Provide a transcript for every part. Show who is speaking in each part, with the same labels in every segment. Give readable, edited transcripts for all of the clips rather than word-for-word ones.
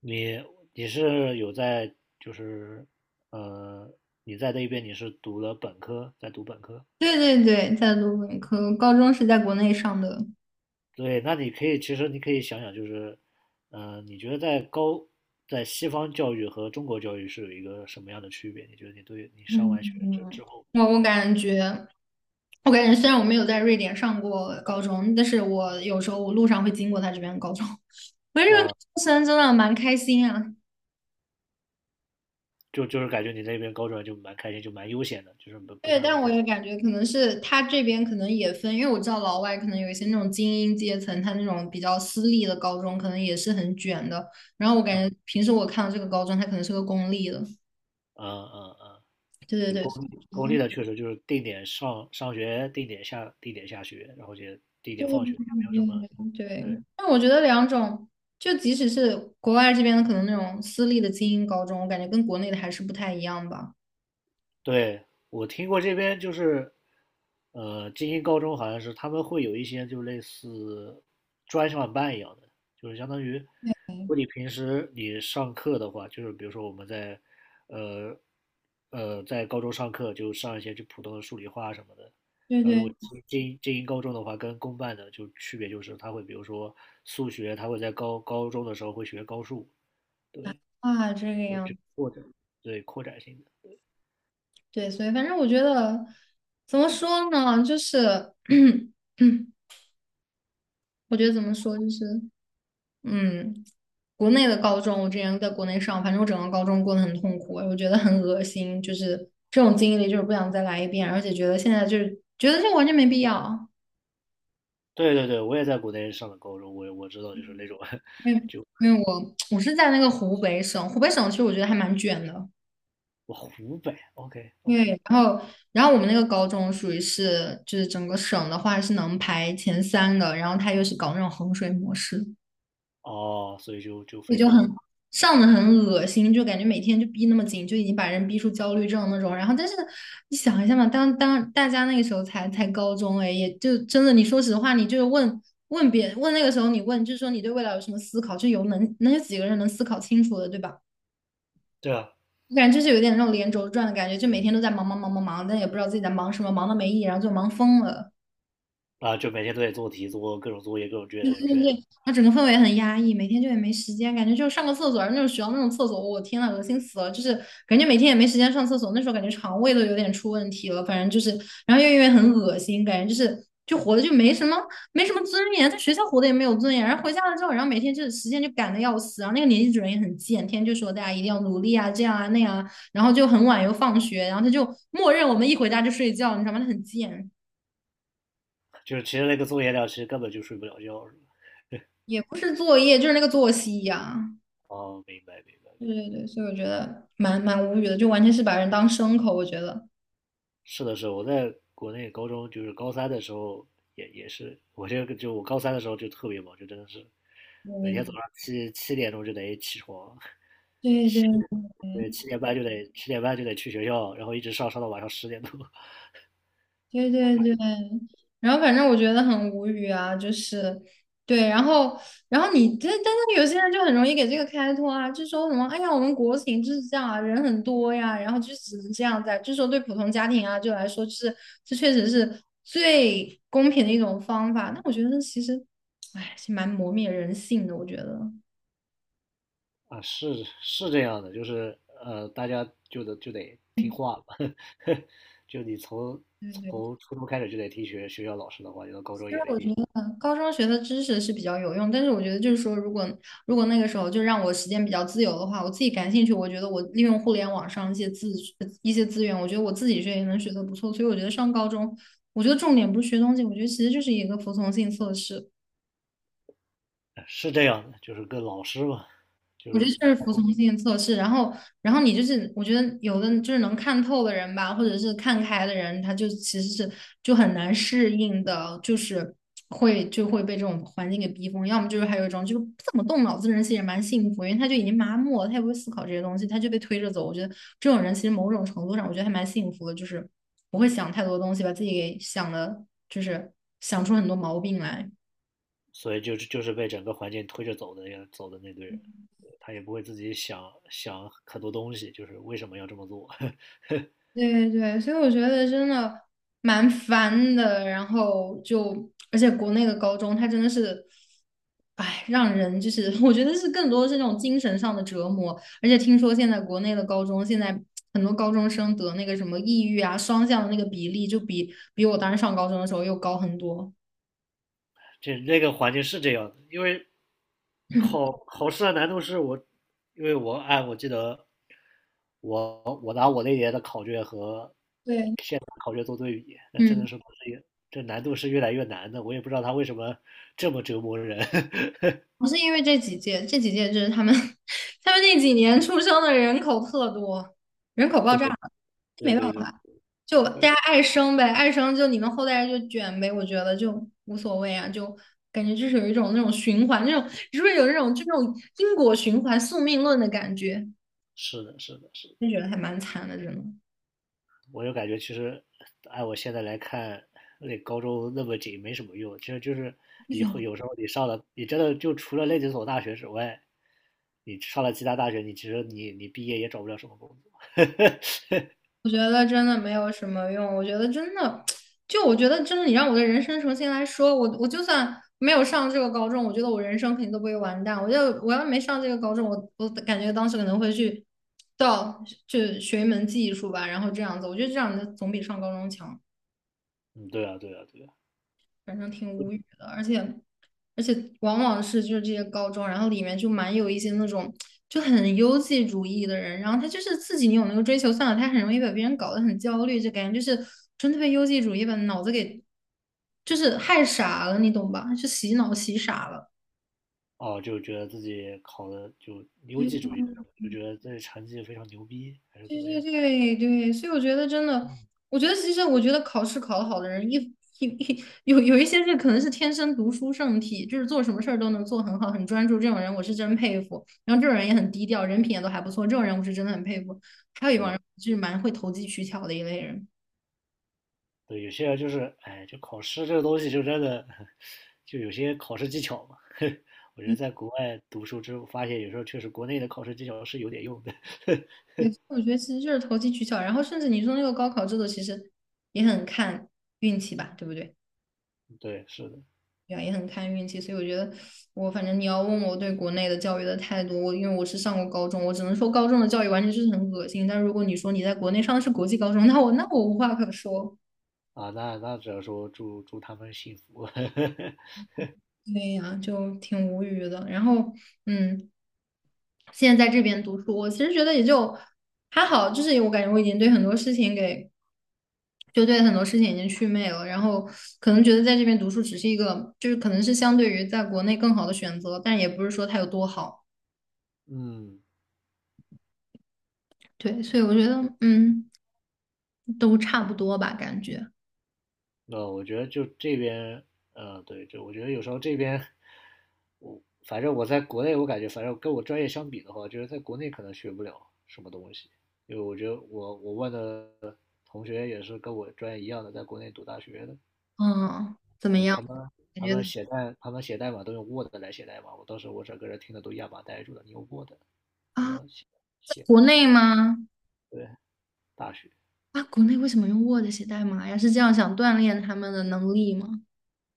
Speaker 1: 你你是有在就是呃你在那边你是读了本科，在读本科。
Speaker 2: 对对对，在卢本科，高中是在国内上的。
Speaker 1: 对，那你可以其实你可以想想就是，你觉得在西方教育和中国教育是有一个什么样的区别？你觉得你上完学就之后
Speaker 2: 我感觉，我感觉虽然我没有在瑞典上过高中，但是我有时候我路上会经过他这边的高中，我觉得这
Speaker 1: 啊、
Speaker 2: 个高
Speaker 1: 呃
Speaker 2: 中生真的蛮开心啊。
Speaker 1: 就是感觉你在那边高中就蛮开心，就蛮悠闲的，就是不
Speaker 2: 对，
Speaker 1: 像你
Speaker 2: 但我
Speaker 1: 在。
Speaker 2: 也感觉可能是他这边可能也分，因为我知道老外可能有一些那种精英阶层，他那种比较私立的高中可能也是很卷的。然后我感觉
Speaker 1: 嗯
Speaker 2: 平时我看到这个高中，它可能是个公立的。
Speaker 1: 嗯嗯嗯，
Speaker 2: 对对
Speaker 1: 就
Speaker 2: 对，我觉
Speaker 1: 公立
Speaker 2: 得。
Speaker 1: 的确实就是定点上学，定点下学，然后就定
Speaker 2: 对
Speaker 1: 点放学，也没有什么。
Speaker 2: 对对，
Speaker 1: 对。
Speaker 2: 但我觉得两种，就即使是国外这边的，可能那种私立的精英高中，我感觉跟国内的还是不太一样吧。
Speaker 1: 对，我听过这边就是，精英高中好像是他们会有一些就类似专项班一样的，就是相当于，如果你平时你上课的话，就是比如说我们在，呃，在高中上课就上一些就普通的数理化什么的。
Speaker 2: 对
Speaker 1: 然后如果
Speaker 2: 对，
Speaker 1: 精英高中的话，跟公办的就区别就是他会比如说数学，他会在高中的时候会学高数，对，
Speaker 2: 啊，这个
Speaker 1: 有这
Speaker 2: 样，
Speaker 1: 个扩展，对，扩展性的。
Speaker 2: 对，所以反正我觉得怎么说呢，就是 我觉得怎么说就是，嗯，国内的高中，我之前在国内上，反正我整个高中过得很痛苦，我觉得很恶心，就是这种经历，就是不想再来一遍，而且觉得现在就是觉得这完全没必要。
Speaker 1: 对，我也在国内上的高中，我知道就是那种。
Speaker 2: 因为
Speaker 1: 就
Speaker 2: 因为我是在那个湖北省，湖北省其实我觉得还蛮卷的。
Speaker 1: 我湖北，OK
Speaker 2: 因
Speaker 1: OK，
Speaker 2: 为然后然后我们那个高中属于是就是整个省的话是能排前三的，然后他又是搞那种衡水模式，
Speaker 1: 哦，所以就
Speaker 2: 也
Speaker 1: 非
Speaker 2: 就
Speaker 1: 常，
Speaker 2: 很上的很恶心，就感觉每天就逼那么紧，就已经把人逼出焦虑症那种。然后但是你想一下嘛，当大家那个时候才高中哎，也就真的你说实话，你就是问问别问那个时候你问，就是说你对未来有什么思考，就有能有几个人能思考清楚的，对吧？
Speaker 1: 对啊。
Speaker 2: 我感觉就是有点那种连轴转的感觉，就每天都在忙忙忙忙忙，但也不知道自己在忙什么，忙的没意义，然后就忙疯了。
Speaker 1: 啊，就每天都得做题，做各种作业，各种
Speaker 2: 对
Speaker 1: 卷
Speaker 2: 对
Speaker 1: 卷，
Speaker 2: 对，那整个氛围很压抑，每天就也没时间，感觉就上个厕所，那种学校那种厕所，我天呐，恶心死了！就是感觉每天也没时间上厕所，那时候感觉肠胃都有点出问题了，反正就是，然后又因为很恶心，感觉就是就活的就没什么尊严，在学校活的也没有尊严，然后回家了之后，然后每天就是时间就赶的要死，然后那个年级主任也很贱，天天就说大家一定要努力啊，这样啊那样啊，然后就很晚又放学，然后他就默认我们一回家就睡觉，你知道吗？他很贱，
Speaker 1: 就是其实那个作业量其实根本就睡不了觉，是吧？
Speaker 2: 也不是作业，就是那个作息呀、
Speaker 1: 哦，明白明白
Speaker 2: 对
Speaker 1: 明
Speaker 2: 对
Speaker 1: 白。
Speaker 2: 对，所以我觉得蛮无语的，就完全是把人当牲口，我觉得。
Speaker 1: 是的是的，我在国内高中就是高三的时候也是，我这个就我高三的时候就特别忙，就真的是每天早上七点钟就得起床，
Speaker 2: 对对对
Speaker 1: 对，七点半就得去学校，然后一直上到晚上十点多。
Speaker 2: 对对对对，然后反正我觉得很无语啊，就是对，然后你这但是有些人就很容易给这个开脱啊，就说什么哎呀，我们国情就是这样啊，人很多呀，然后就只能这样在，就说对普通家庭啊就来说，就是这确实是最公平的一种方法。那我觉得其实，哎，是蛮磨灭人性的，我觉得。
Speaker 1: 啊，是这样的，就是大家就得听话了。就你从
Speaker 2: 对对
Speaker 1: 从初中开始就得听学校老师的话，你到高中
Speaker 2: 其实
Speaker 1: 也得
Speaker 2: 我觉
Speaker 1: 听。
Speaker 2: 得高中学的知识是比较有用，但是我觉得就是说，如果那个时候就让我时间比较自由的话，我自己感兴趣，我觉得我利用互联网上一些资源，我觉得我自己学也能学得不错，所以我觉得上高中，我觉得重点不是学东西，我觉得其实就是一个服从性测试。
Speaker 1: 是这样的，就是跟老师嘛，就
Speaker 2: 我觉得
Speaker 1: 是
Speaker 2: 就是服从性测试，然后，然后你就是，我觉得有的就是能看透的人吧，或者是看开的人，他就其实是就很难适应的，就是就会被这种环境给逼疯。要么就是还有一种就是不怎么动脑子的人，其实也蛮幸福，因为他就已经麻木了，他也不会思考这些东西，他就被推着走。我觉得这种人其实某种程度上，我觉得还蛮幸福的，就是不会想太多东西，把自己给想的，就是想出很多毛病来。
Speaker 1: 所以就是被整个环境推着走的呀，走的那堆人，他也不会自己想想很多东西，就是为什么要这么做。
Speaker 2: 对对，所以我觉得真的蛮烦的。然后就，而且国内的高中，它真的是，哎，让人就是，我觉得是更多是那种精神上的折磨。而且听说现在国内的高中，现在很多高中生得那个什么抑郁啊、双向的那个比例，就比我当时上高中的时候又高很多。
Speaker 1: 那个环境是这样的，因为考 考试的难度是我，因为我按我记得我拿我那年的考卷和
Speaker 2: 对，
Speaker 1: 现在考卷做对比，那真
Speaker 2: 嗯，
Speaker 1: 的是不是也，这难度是越来越难的，我也不知道他为什么这么折磨人。
Speaker 2: 不是因为这几届，这几届就是他们 他们那几年出生的人口特多，人口爆
Speaker 1: 对
Speaker 2: 炸了，
Speaker 1: 对
Speaker 2: 没办
Speaker 1: 对对
Speaker 2: 法。就大
Speaker 1: 对，
Speaker 2: 家爱生呗，爱生就你们后代就卷呗，我觉得就无所谓啊，就感觉就是有一种那种循环，那种是不是有那种就那种因果循环、宿命论的感觉？
Speaker 1: 是的，是的，是的。
Speaker 2: 就觉得还蛮惨的，真的。
Speaker 1: 我就感觉其实按我现在来看，那高中那么紧没什么用。其实就是你会有时候你上了，你真的就除了那几所大学之外，你上了其他大学，你其实你毕业也找不了什么工作。
Speaker 2: 我觉得真的没有什么用。我觉得真的，就我觉得真的，你让我的人生重新来说，我就算没有上这个高中，我觉得我人生肯定都不会完蛋。我要没上这个高中，我感觉当时可能会去到就学一门技术吧，然后这样子，我觉得这样子总比上高中强。
Speaker 1: 嗯，对啊，对啊，对啊。
Speaker 2: 反正挺无语的，而且往往是就是这些高中，然后里面就蛮有一些那种就很优绩主义的人，然后他就是自己你有那个追求算了，他很容易把别人搞得很焦虑，就感觉就是真的被优绩主义把脑子给就是害傻了，你懂吧？就洗脑洗傻了。
Speaker 1: 哦，就觉得自己考的就优绩主义
Speaker 2: 对
Speaker 1: 就觉得自己成绩非常牛逼，还是怎
Speaker 2: 对
Speaker 1: 么
Speaker 2: 对
Speaker 1: 样？
Speaker 2: 对对，所以我觉得真的，我觉得其实我觉得考试考得好的人，一有一些是可能是天生读书圣体，就是做什么事儿都能做很好，很专注。这种人我是真佩服。然后这种人也很低调，人品也都还不错。这种人我是真的很佩服。还有一帮
Speaker 1: 对，
Speaker 2: 人就是蛮会投机取巧的一类人。
Speaker 1: 对，有些人就是，哎，就考试这个东西，就真的， 就有些考试技巧嘛。我觉
Speaker 2: 嗯，
Speaker 1: 得在国外读书之后，发现有时候确实国内的考试技巧是有点用的。
Speaker 2: 对，我觉得其实就是投机取巧。然后甚至你说那个高考制度，其实也很看运气吧，对不对？
Speaker 1: 对，是的。
Speaker 2: 呀，也很看运气，所以我觉得我反正你要问我对国内的教育的态度，我因为我是上过高中，我只能说高中的教育完全就是很恶心。但如果你说你在国内上的是国际高中，那我无话可说。
Speaker 1: 啊，那只能说祝他们幸福。
Speaker 2: 对呀，就挺无语的。然后，嗯，现在在这边读书，我其实觉得也就还好，就是我感觉我已经对很多事情给就对很多事情已经祛魅了，然后可能觉得在这边读书只是一个，就是可能是相对于在国内更好的选择，但也不是说它有多好。
Speaker 1: 嗯，
Speaker 2: 对，所以我觉得，都差不多吧，感觉，
Speaker 1: 那我觉得就这边，嗯，对，就我觉得有时候这边，我反正我在国内，我感觉反正跟我专业相比的话，就是在国内可能学不了什么东西，因为我觉得我问的同学也是跟我专业一样的，在国内读大学的，
Speaker 2: 嗯，怎么
Speaker 1: 嗯，
Speaker 2: 样？
Speaker 1: 他们
Speaker 2: 感
Speaker 1: 他
Speaker 2: 觉
Speaker 1: 们
Speaker 2: 怎么
Speaker 1: 写代他们写代码都用 Word 来写代码，我当时我整个人听得都哑巴呆住了，你用 Word 怎
Speaker 2: 啊，
Speaker 1: 么
Speaker 2: 在国
Speaker 1: 写？
Speaker 2: 内吗？
Speaker 1: 对，大学
Speaker 2: 啊，国内为什么用 Word 写代码呀？是这样想锻炼他们的能力吗？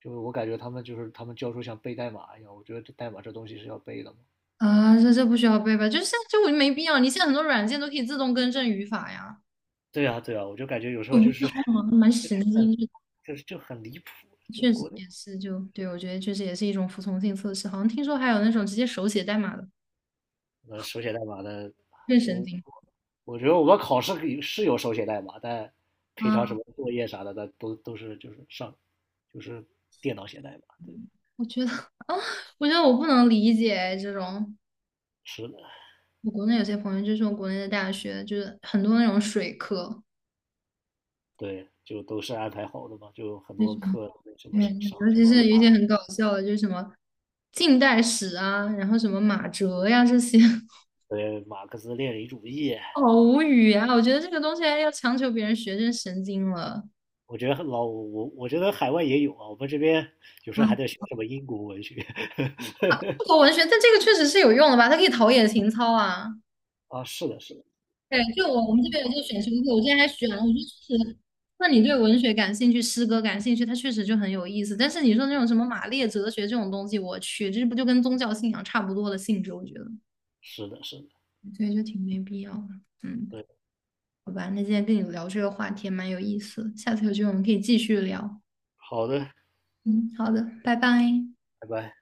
Speaker 1: 就是我感觉他们教授像背代码一样，我觉得这代码这东西是要背的嘛。
Speaker 2: 啊，这这不需要背吧？就是现在就没必要，你现在很多软件都可以自动更正语法呀。
Speaker 1: 对啊，对啊，我就感觉有时
Speaker 2: 我
Speaker 1: 候
Speaker 2: 不
Speaker 1: 就
Speaker 2: 知
Speaker 1: 是
Speaker 2: 道啊，蛮神
Speaker 1: 很，
Speaker 2: 经质的
Speaker 1: 就是就很离谱，就
Speaker 2: 确实
Speaker 1: 国内
Speaker 2: 也是就，对，我觉得确实也是一种服从性测试。好像听说还有那种直接手写代码的，
Speaker 1: 手写代码的，
Speaker 2: 更神
Speaker 1: 我
Speaker 2: 经。
Speaker 1: 我觉得我们考试可以是有手写代码，但平常什
Speaker 2: 啊！
Speaker 1: 么作业啥的，那都是就是上就是电脑写代码，对，
Speaker 2: 我觉得 啊，我觉得我不能理解这种。
Speaker 1: 是的，
Speaker 2: 我国内有些朋友就说，国内的大学就是很多那种水课，
Speaker 1: 对，就都是安排好的嘛，就很
Speaker 2: 就是
Speaker 1: 多课那什
Speaker 2: 对，
Speaker 1: 么是上
Speaker 2: 尤
Speaker 1: 什
Speaker 2: 其是
Speaker 1: 么
Speaker 2: 有一些很搞笑的，就是什么近代史啊，然后什么马哲呀这些，
Speaker 1: 对，马克思列宁主义，
Speaker 2: 好无语啊！我觉得这个东西还要强求别人学，真神经了
Speaker 1: 我觉得海外也有啊，我们这边有时
Speaker 2: 啊！
Speaker 1: 候还在学什么英国文学。
Speaker 2: 中国文学，但这个确实是有用的吧？它可以陶冶情操啊。
Speaker 1: 啊，是的，是的，
Speaker 2: 对，就我们这边有这个选修课，我之前还选了，我觉得确实，那你对文学感兴趣，诗歌感兴趣，它确实就很有意思。但是你说那种什么马列哲学这种东西，我去，这不就跟宗教信仰差不多的性质？我觉得，
Speaker 1: 是的，是的。
Speaker 2: 所以就挺没必要的。嗯，
Speaker 1: 对。
Speaker 2: 好吧，那今天跟你聊这个话题也蛮有意思的下次有机会我们可以继续聊。
Speaker 1: 好的，
Speaker 2: 嗯，好的，拜拜。
Speaker 1: 拜拜。